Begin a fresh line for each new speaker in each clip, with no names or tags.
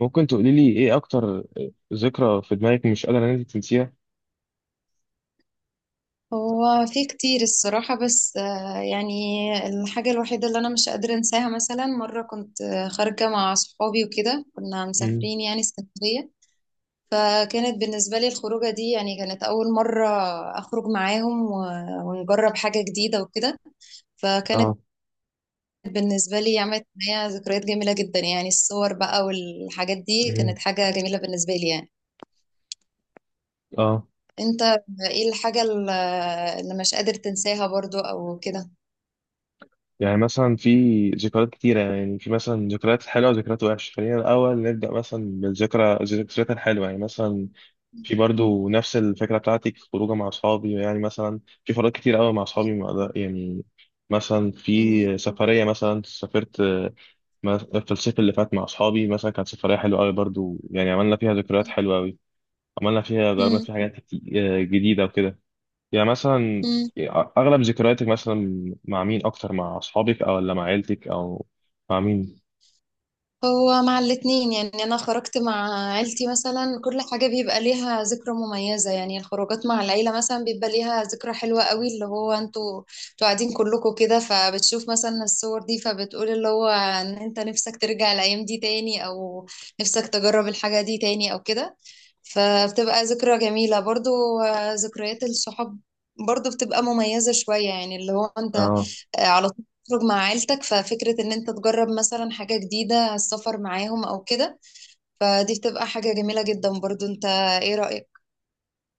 ممكن تقولي لي ايه اكتر ذكرى في دماغك مش قادرة ان انت تنسيها؟
هو في كتير الصراحة، بس يعني الحاجة الوحيدة اللي أنا مش قادرة أنساها. مثلا مرة كنت خارجة مع صحابي وكده، كنا
امم.
مسافرين يعني اسكندرية. فكانت بالنسبة لي الخروجة دي، يعني كانت أول مرة أخرج معاهم ونجرب حاجة جديدة وكده. فكانت
اه.
بالنسبة لي عملت معايا ذكريات جميلة جدا، يعني الصور بقى والحاجات دي
امم.
كانت حاجة جميلة بالنسبة لي يعني.
اه.
أنت ايه الحاجة اللي مش قادر تنساها برضو أو كده؟
يعني مثلا في ذكريات كتيرة، يعني في مثلا ذكريات حلوة وذكريات وحشة. خلينا الأول نبدأ مثلا الذكريات الحلوة، يعني مثلا في برضو نفس الفكرة بتاعتك، خروجة مع أصحابي، يعني مثلا في خروجات كتير قوي مع أصحابي، ما أقدر- يعني مثلا في سفرية، مثلا سافرت في الصيف اللي فات مع أصحابي، مثلا كانت سفرية حلوة قوي برضو، يعني عملنا فيها ذكريات حلوة قوي، عملنا فيها جربنا
مم.
فيها حاجات جديدة وكده، يعني مثلا.
مم.
أغلب ذكرياتك مثلا مع مين أكتر، مع أصحابك أو ولا مع عيلتك أو مع مين؟
هو مع الاتنين. يعني أنا خرجت مع عيلتي مثلا، كل حاجة بيبقى ليها ذكرى مميزة. يعني الخروجات مع العيلة مثلا بيبقى ليها ذكرى حلوة قوي، اللي هو انتوا قاعدين كلكم كده، فبتشوف مثلا الصور دي، فبتقول اللي هو ان انت نفسك ترجع الأيام دي تاني، أو نفسك تجرب الحاجة دي تاني أو كده. فبتبقى ذكرى جميلة برضو. ذكريات الصحاب برضو بتبقى مميزة شوية، يعني اللي هو انت
آه.
على تخرج مع عيلتك، ففكرة ان انت تجرب مثلا حاجة جديدة، السفر معاهم او كده، فدي بتبقى حاجة جميلة جدا برضو. انت ايه رأيك؟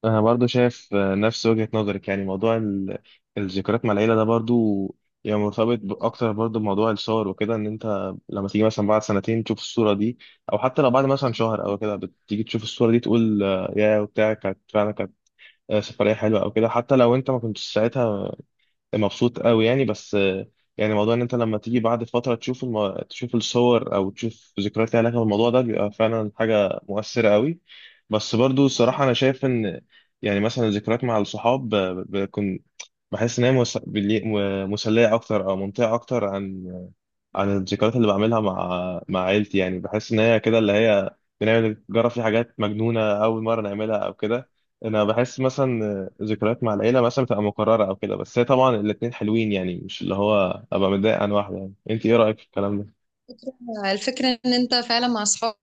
أنا برضو شايف نفس وجهة نظرك، يعني موضوع الذكريات مع العيلة ده برضو، يعني مرتبط أكتر برضو بموضوع الصور وكده، إن أنت لما تيجي مثلا بعد سنتين تشوف الصورة دي، أو حتى لو بعد مثلا
مم.
شهر أو كده بتيجي تشوف الصورة دي، تقول يا وبتاع كانت فعلا، كانت سفرية حلوة أو كده، حتى لو أنت ما كنتش ساعتها مبسوط قوي يعني، بس يعني موضوع ان انت لما تيجي بعد فتره تشوف تشوف الصور او تشوف ذكريات ليها علاقه بالموضوع
مم.
ده بيبقى فعلا حاجه مؤثره قوي. بس برضو
أيوة.
الصراحه انا شايف ان يعني مثلا الذكريات مع الصحاب ب- ب- بكون بحس ان هي مسليه اكتر او ممتعه اكتر عن الذكريات اللي بعملها مع عيلتي، يعني بحس ان هي كده اللي هي نجرب في حاجات مجنونه اول مره نعملها او كده. انا بحس مثلا ذكريات مع العيله مثلا بتبقى مكرره او كده، بس هي طبعا الاتنين حلوين يعني، مش اللي هو ابقى متضايق عن واحده. يعني انت ايه رايك في الكلام ده؟
الفكرة ان انت فعلا مع اصحابك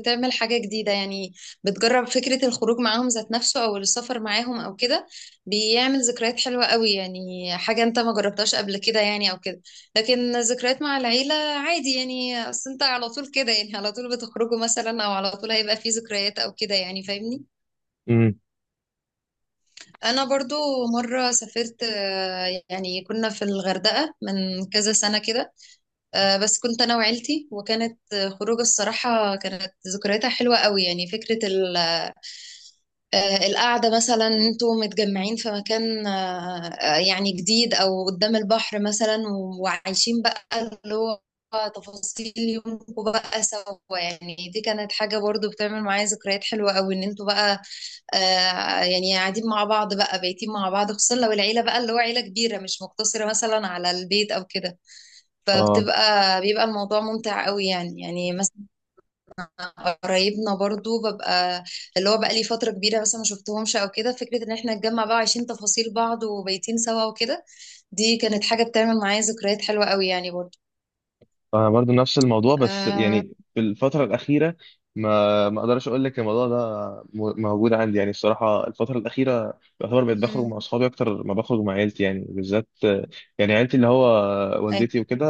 بتعمل حاجة جديدة. يعني بتجرب فكرة الخروج معاهم ذات نفسه، او السفر معاهم او كده، بيعمل ذكريات حلوة قوي يعني، حاجة انت ما جربتهاش قبل كده يعني او كده. لكن ذكريات مع العيلة عادي، يعني اصل انت على طول كده، يعني على طول بتخرجوا مثلا، او على طول هيبقى في ذكريات او كده يعني، فاهمني؟
امم.
انا برضو مرة سافرت، يعني كنا في الغردقة من كذا سنة كده. بس كنت انا وعيلتي، وكانت خروجه الصراحه كانت ذكرياتها حلوه قوي، يعني فكره القعده مثلا انتوا متجمعين في مكان، يعني جديد، او قدام البحر مثلا، وعايشين بقى اللي هو تفاصيل يومكم بقى سوا. يعني دي كانت حاجه برضو بتعمل معايا ذكريات حلوه قوي، ان انتوا بقى يعني قاعدين مع بعض بقى، بايتين مع بعض، خصوصا لو العيله بقى اللي هو عيله كبيره، مش مقتصره مثلا على البيت او كده.
اه.
بيبقى الموضوع ممتع قوي يعني مثلا قرايبنا برضو ببقى اللي هو بقى لي فترة كبيرة مثلا ما شفتهمش او كده، فكرة ان احنا نتجمع بقى وعايشين تفاصيل بعض وبايتين سوا وكده، دي كانت حاجة بتعمل معايا ذكريات حلوة قوي يعني برضو.
انا برضو نفس الموضوع، بس
آه...
يعني في الفتره الاخيره ما اقدرش اقول لك الموضوع ده موجود عندي، يعني الصراحه الفتره الاخيره يعتبر بقيت بخرج مع
مم.
اصحابي اكتر ما بخرج مع عيلتي يعني بالذات، يعني عيلتي اللي هو
أيوة.
والدتي وكده،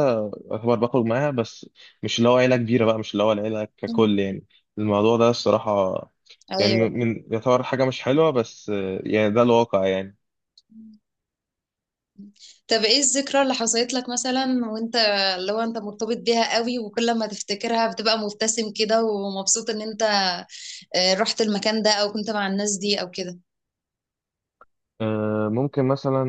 يعتبر بخرج معاها بس، مش اللي هو عيله كبيره بقى، مش اللي هو العيله
مم.
ككل يعني. الموضوع ده الصراحه يعني
أيوة.
يعتبر حاجه مش حلوه، بس يعني ده الواقع يعني.
مم. طب ايه الذكرى اللي حصلت لك مثلا، وانت لو انت مرتبط بيها قوي وكل ما تفتكرها بتبقى مبتسم كده ومبسوط ان انت رحت المكان ده، او كنت مع الناس دي او كده؟
أه، ممكن مثلا،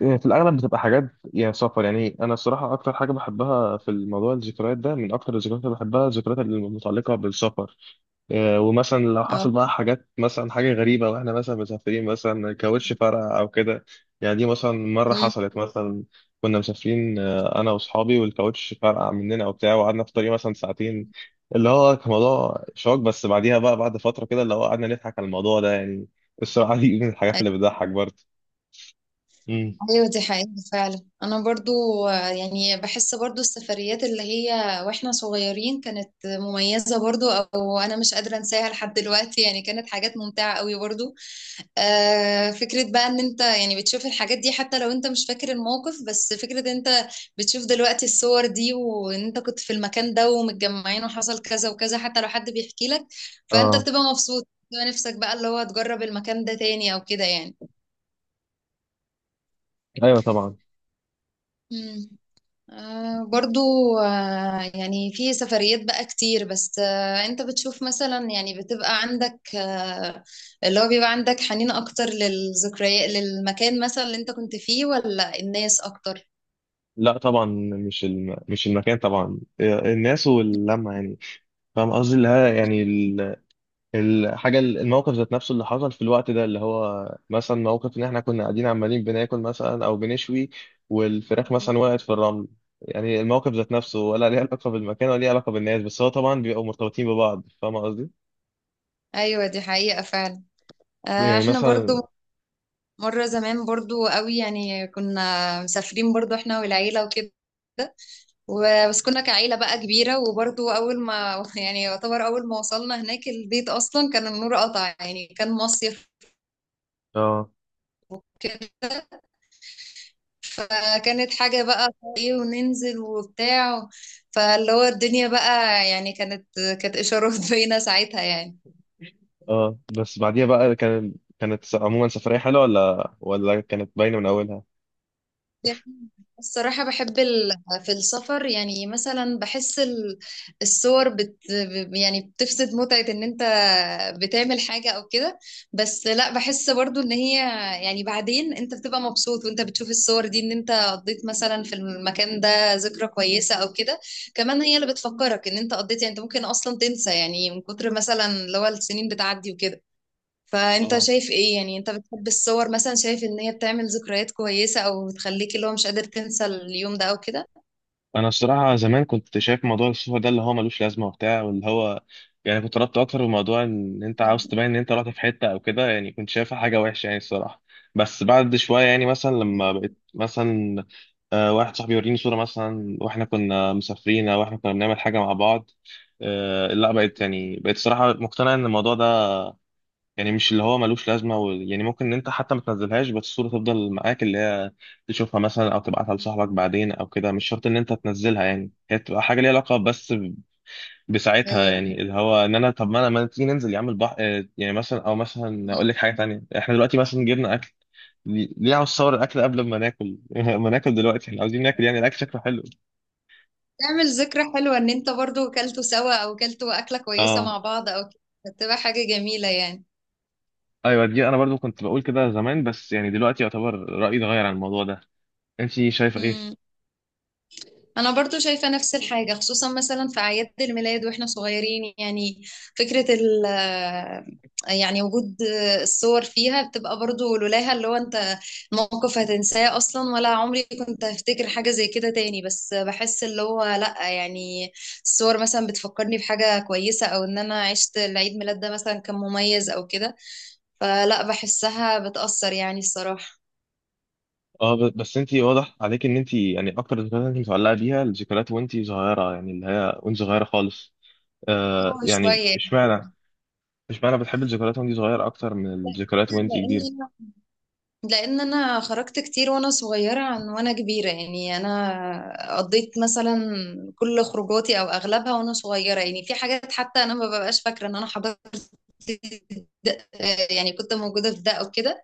يعني في الأغلب بتبقى حاجات، يعني سفر، يعني أنا الصراحة أكتر حاجة بحبها في الموضوع الذكريات ده، من أكتر الذكريات اللي بحبها الذكريات المتعلقة بالسفر، ومثلا لو حصل
آه.
بقى حاجات، مثلا حاجة غريبة وإحنا مثلا مسافرين، مثلا كاوتش فرقع أو كده. يعني دي مثلا مرة
مم.
حصلت، مثلا كنا مسافرين أنا وأصحابي والكاوتش فرقع مننا وبتاع، وقعدنا في الطريق مثلا ساعتين، اللي هو كان موضوع شوك، بس بعديها بقى بعد فترة كده اللي هو قعدنا نضحك على الموضوع ده يعني. الصراحة دي من الحاجات اللي
أيوة.
بتضحك برضه. مم.
أيوة، دي حقيقة فعلا. أنا برضو يعني بحس برضو السفريات اللي هي وإحنا صغيرين كانت مميزة برضو، أو أنا مش قادرة أنساها لحد دلوقتي يعني، كانت حاجات ممتعة قوي برضو. فكرة بقى إن أنت يعني بتشوف الحاجات دي حتى لو أنت مش فاكر الموقف، بس فكرة إن أنت بتشوف دلوقتي الصور دي وإن أنت كنت في المكان ده ومتجمعين وحصل كذا وكذا، حتى لو حد بيحكي لك، فأنت
اه.
بتبقى مبسوط، بتبقى نفسك بقى اللي هو تجرب المكان ده تاني أو كده يعني.
ايوه طبعا.
مم. برضو يعني في سفريات بقى كتير، بس انت بتشوف مثلا يعني بتبقى عندك، اللي هو بيبقى عندك حنين اكتر للذكريات، للمكان مثلا اللي انت كنت فيه ولا الناس اكتر؟
لا طبعا، مش مش المكان طبعا، الناس واللمه يعني. فاهم قصدي؟ اللي هي يعني ال- الحاجه الموقف ذات نفسه اللي حصل في الوقت ده، اللي هو مثلا موقف ان احنا كنا قاعدين عمالين بناكل مثلا او بنشوي، والفراخ
مم.
مثلا وقعت في الرمل. يعني الموقف ذات نفسه، ولا ليه علاقه بالمكان، ولا ليه علاقه بالناس؟ بس هو طبعا بيبقوا مرتبطين ببعض. فاهم قصدي؟
ايوه دي حقيقة فعلا.
يعني
احنا برضو
مثلا.
مرة زمان برضو قوي يعني كنا مسافرين، برضو احنا والعيلة وكده، بس كنا كعيلة بقى كبيرة، وبرضو أول ما يعني يعتبر أول ما وصلنا هناك البيت أصلا كان النور قطع، يعني كان مصيف.
اه.
فكانت حاجة بقى ايه وننزل وبتاع، فاللي هو الدنيا بقى يعني كانت إشارات باينة ساعتها يعني.
اه. بس بعديها بقى كانت عموما سفريه حلوه، ولا كانت باينه من اولها؟
جميل. الصراحة بحب في السفر يعني، مثلا بحس الصور يعني بتفسد متعة ان انت بتعمل حاجة او كده، بس لا، بحس برضو ان هي يعني بعدين انت بتبقى مبسوط وانت بتشوف الصور دي، ان انت قضيت مثلا في المكان ده ذكرى كويسة او كده. كمان هي اللي بتفكرك ان انت قضيت، يعني انت ممكن اصلا تنسى، يعني من كتر مثلا اللي هو السنين بتعدي وكده. فانت
اه.
شايف ايه يعني، انت بتحب الصور مثلا، شايف ان هي بتعمل ذكريات كويسة، او بتخليك اللي هو مش قادر تنسى اليوم ده او كده؟
انا الصراحه زمان كنت شايف موضوع السفر ده اللي هو ملوش لازمه وبتاع، واللي هو يعني كنت ربطت اكتر بموضوع ان انت عاوز تبين ان انت رحت في حته او كده، يعني كنت شايفها حاجه وحشه يعني الصراحه. بس بعد شويه يعني مثلا لما بقيت مثلا واحد صاحبي يوريني صوره مثلا واحنا كنا مسافرين او احنا كنا بنعمل حاجه مع بعض، لا بقيت يعني بقيت الصراحه مقتنع ان الموضوع ده يعني مش اللي هو ملوش لازمه يعني ممكن ان انت حتى ما تنزلهاش، بس الصوره تفضل معاك اللي هي تشوفها مثلا او تبعتها لصاحبك بعدين او كده، مش شرط ان انت تنزلها يعني. هي تبقى حاجه ليها علاقه بس بساعتها،
ايوه،
يعني اللي هو ان انا، طب ما انا، ما تيجي ننزل يا عم البحر؟ يعني مثلا، او مثلا اقول لك حاجه تانية، احنا دلوقتي مثلا جبنا اكل، ليه عاوز تصور الاكل قبل ما ناكل؟ ما ناكل دلوقتي، احنا عاوزين ناكل، يعني الاكل شكله حلو.
تعمل ذكرى حلوة ان انت برضو كلتوا سوا، او كلتوا اكلة كويسة مع
اه.
بعض او كده، بتبقى حاجة جميلة
ايوه، دي انا برضو كنت بقول كده زمان، بس يعني دلوقتي يعتبر رايي اتغير عن الموضوع ده. انت شايفه ايه؟
يعني. انا برضو شايفة نفس الحاجة، خصوصا مثلا في اعياد الميلاد واحنا صغيرين يعني، فكرة ال آه، يعني وجود الصور فيها بتبقى برضو، لولاها اللي هو انت موقف هتنساه اصلا، ولا عمري كنت هفتكر حاجة زي كده تاني. بس بحس اللي هو لا يعني، الصور مثلا بتفكرني بحاجة كويسة، او ان انا عشت العيد ميلاد ده مثلا كان مميز او كده، فلا بحسها بتأثر يعني الصراحة.
اه. بس انت واضح عليك ان انت يعني اكتر الذكريات انت متعلقه بيها الذكريات وانت صغيره، يعني اللي هي وانت صغيره خالص.
اه،
يعني،
شوية.
اشمعنى بتحب الذكريات وانت صغيره اكتر من الذكريات وانت كبيره؟
لان لان انا خرجت كتير وانا صغيره عن وانا كبيره. يعني انا قضيت مثلا كل خروجاتي او اغلبها وانا صغيره، يعني في حاجات حتى انا ما ببقاش فاكره ان انا حضرت ده- يعني كنت موجودة في ده أو كده،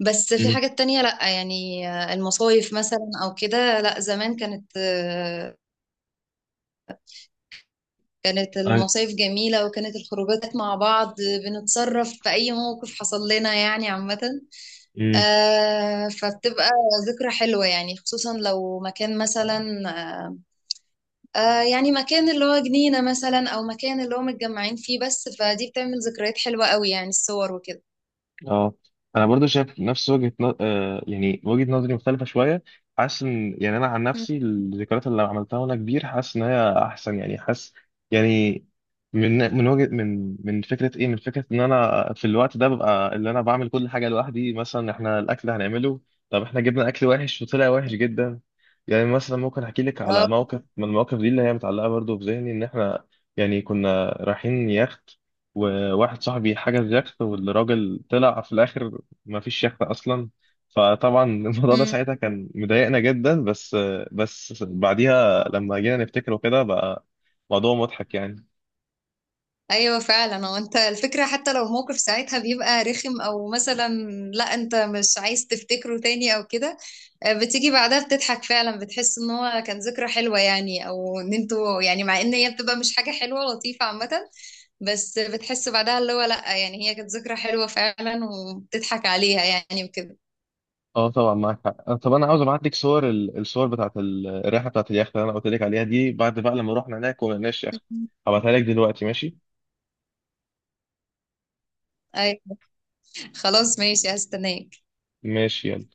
بس في
امم.
حاجات تانية لأ يعني. المصايف مثلا أو كده لأ، زمان كانت
اي.
المصايف جميلة، وكانت الخروجات مع بعض بنتصرف في أي موقف حصل لنا يعني عامة.
امم.
فبتبقى ذكرى حلوة يعني، خصوصا لو مكان مثلا، آه يعني مكان اللي هو جنينة مثلا، أو مكان اللي هو متجمعين فيه بس، فدي بتعمل ذكريات حلوة قوي يعني الصور وكده.
اه. انا برضو شايف نفس وجهة ن... آه يعني وجهة نظري مختلفة شوية، حاسس ان يعني انا عن
مم.
نفسي الذكريات اللي عملتها وانا كبير حاسس ان هي احسن يعني، حاسس يعني من من وجهة من من فكرة ايه من فكرة ان انا في الوقت ده ببقى اللي انا بعمل كل حاجة لوحدي، مثلا احنا الاكل هنعمله، طب احنا جبنا اكل وحش وطلع وحش جدا، يعني مثلا ممكن احكي لك على
اه.
موقف من المواقف دي اللي هي متعلقة برضو في ذهني، ان احنا يعني كنا رايحين يخت، وواحد صاحبي حجز يخت والراجل طلع في الاخر ما فيش يخت اصلا، فطبعا الموضوع ده ساعتها كان مضايقنا جدا، بس بس بعديها
مم.
لما جينا نفتكره كده بقى موضوع مضحك يعني.
ايوه فعلا. هو انت الفكره حتى لو الموقف ساعتها بيبقى رخم، او مثلا لا انت مش عايز تفتكره تاني او كده، بتيجي بعدها بتضحك فعلا، بتحس ان هو كان ذكرى حلوه يعني، او ان انتوا يعني، مع ان هي بتبقى مش حاجه حلوه لطيفه عامه، بس بتحس بعدها اللي هو لا يعني هي كانت ذكرى حلوه فعلا وبتضحك عليها يعني وكده.
اه طبعا معاك حق. طب انا عاوز ابعت لك صور الصور بتاعت الرحله بتاعت اليخت اللي انا قلت لك عليها دي، بعد بقى لما رحنا هناك وما لقيناش يخت. هبعتها لك دلوقتي، ماشي؟
أيوة. خلاص ماشي، هستناك.
ماشي، يلا.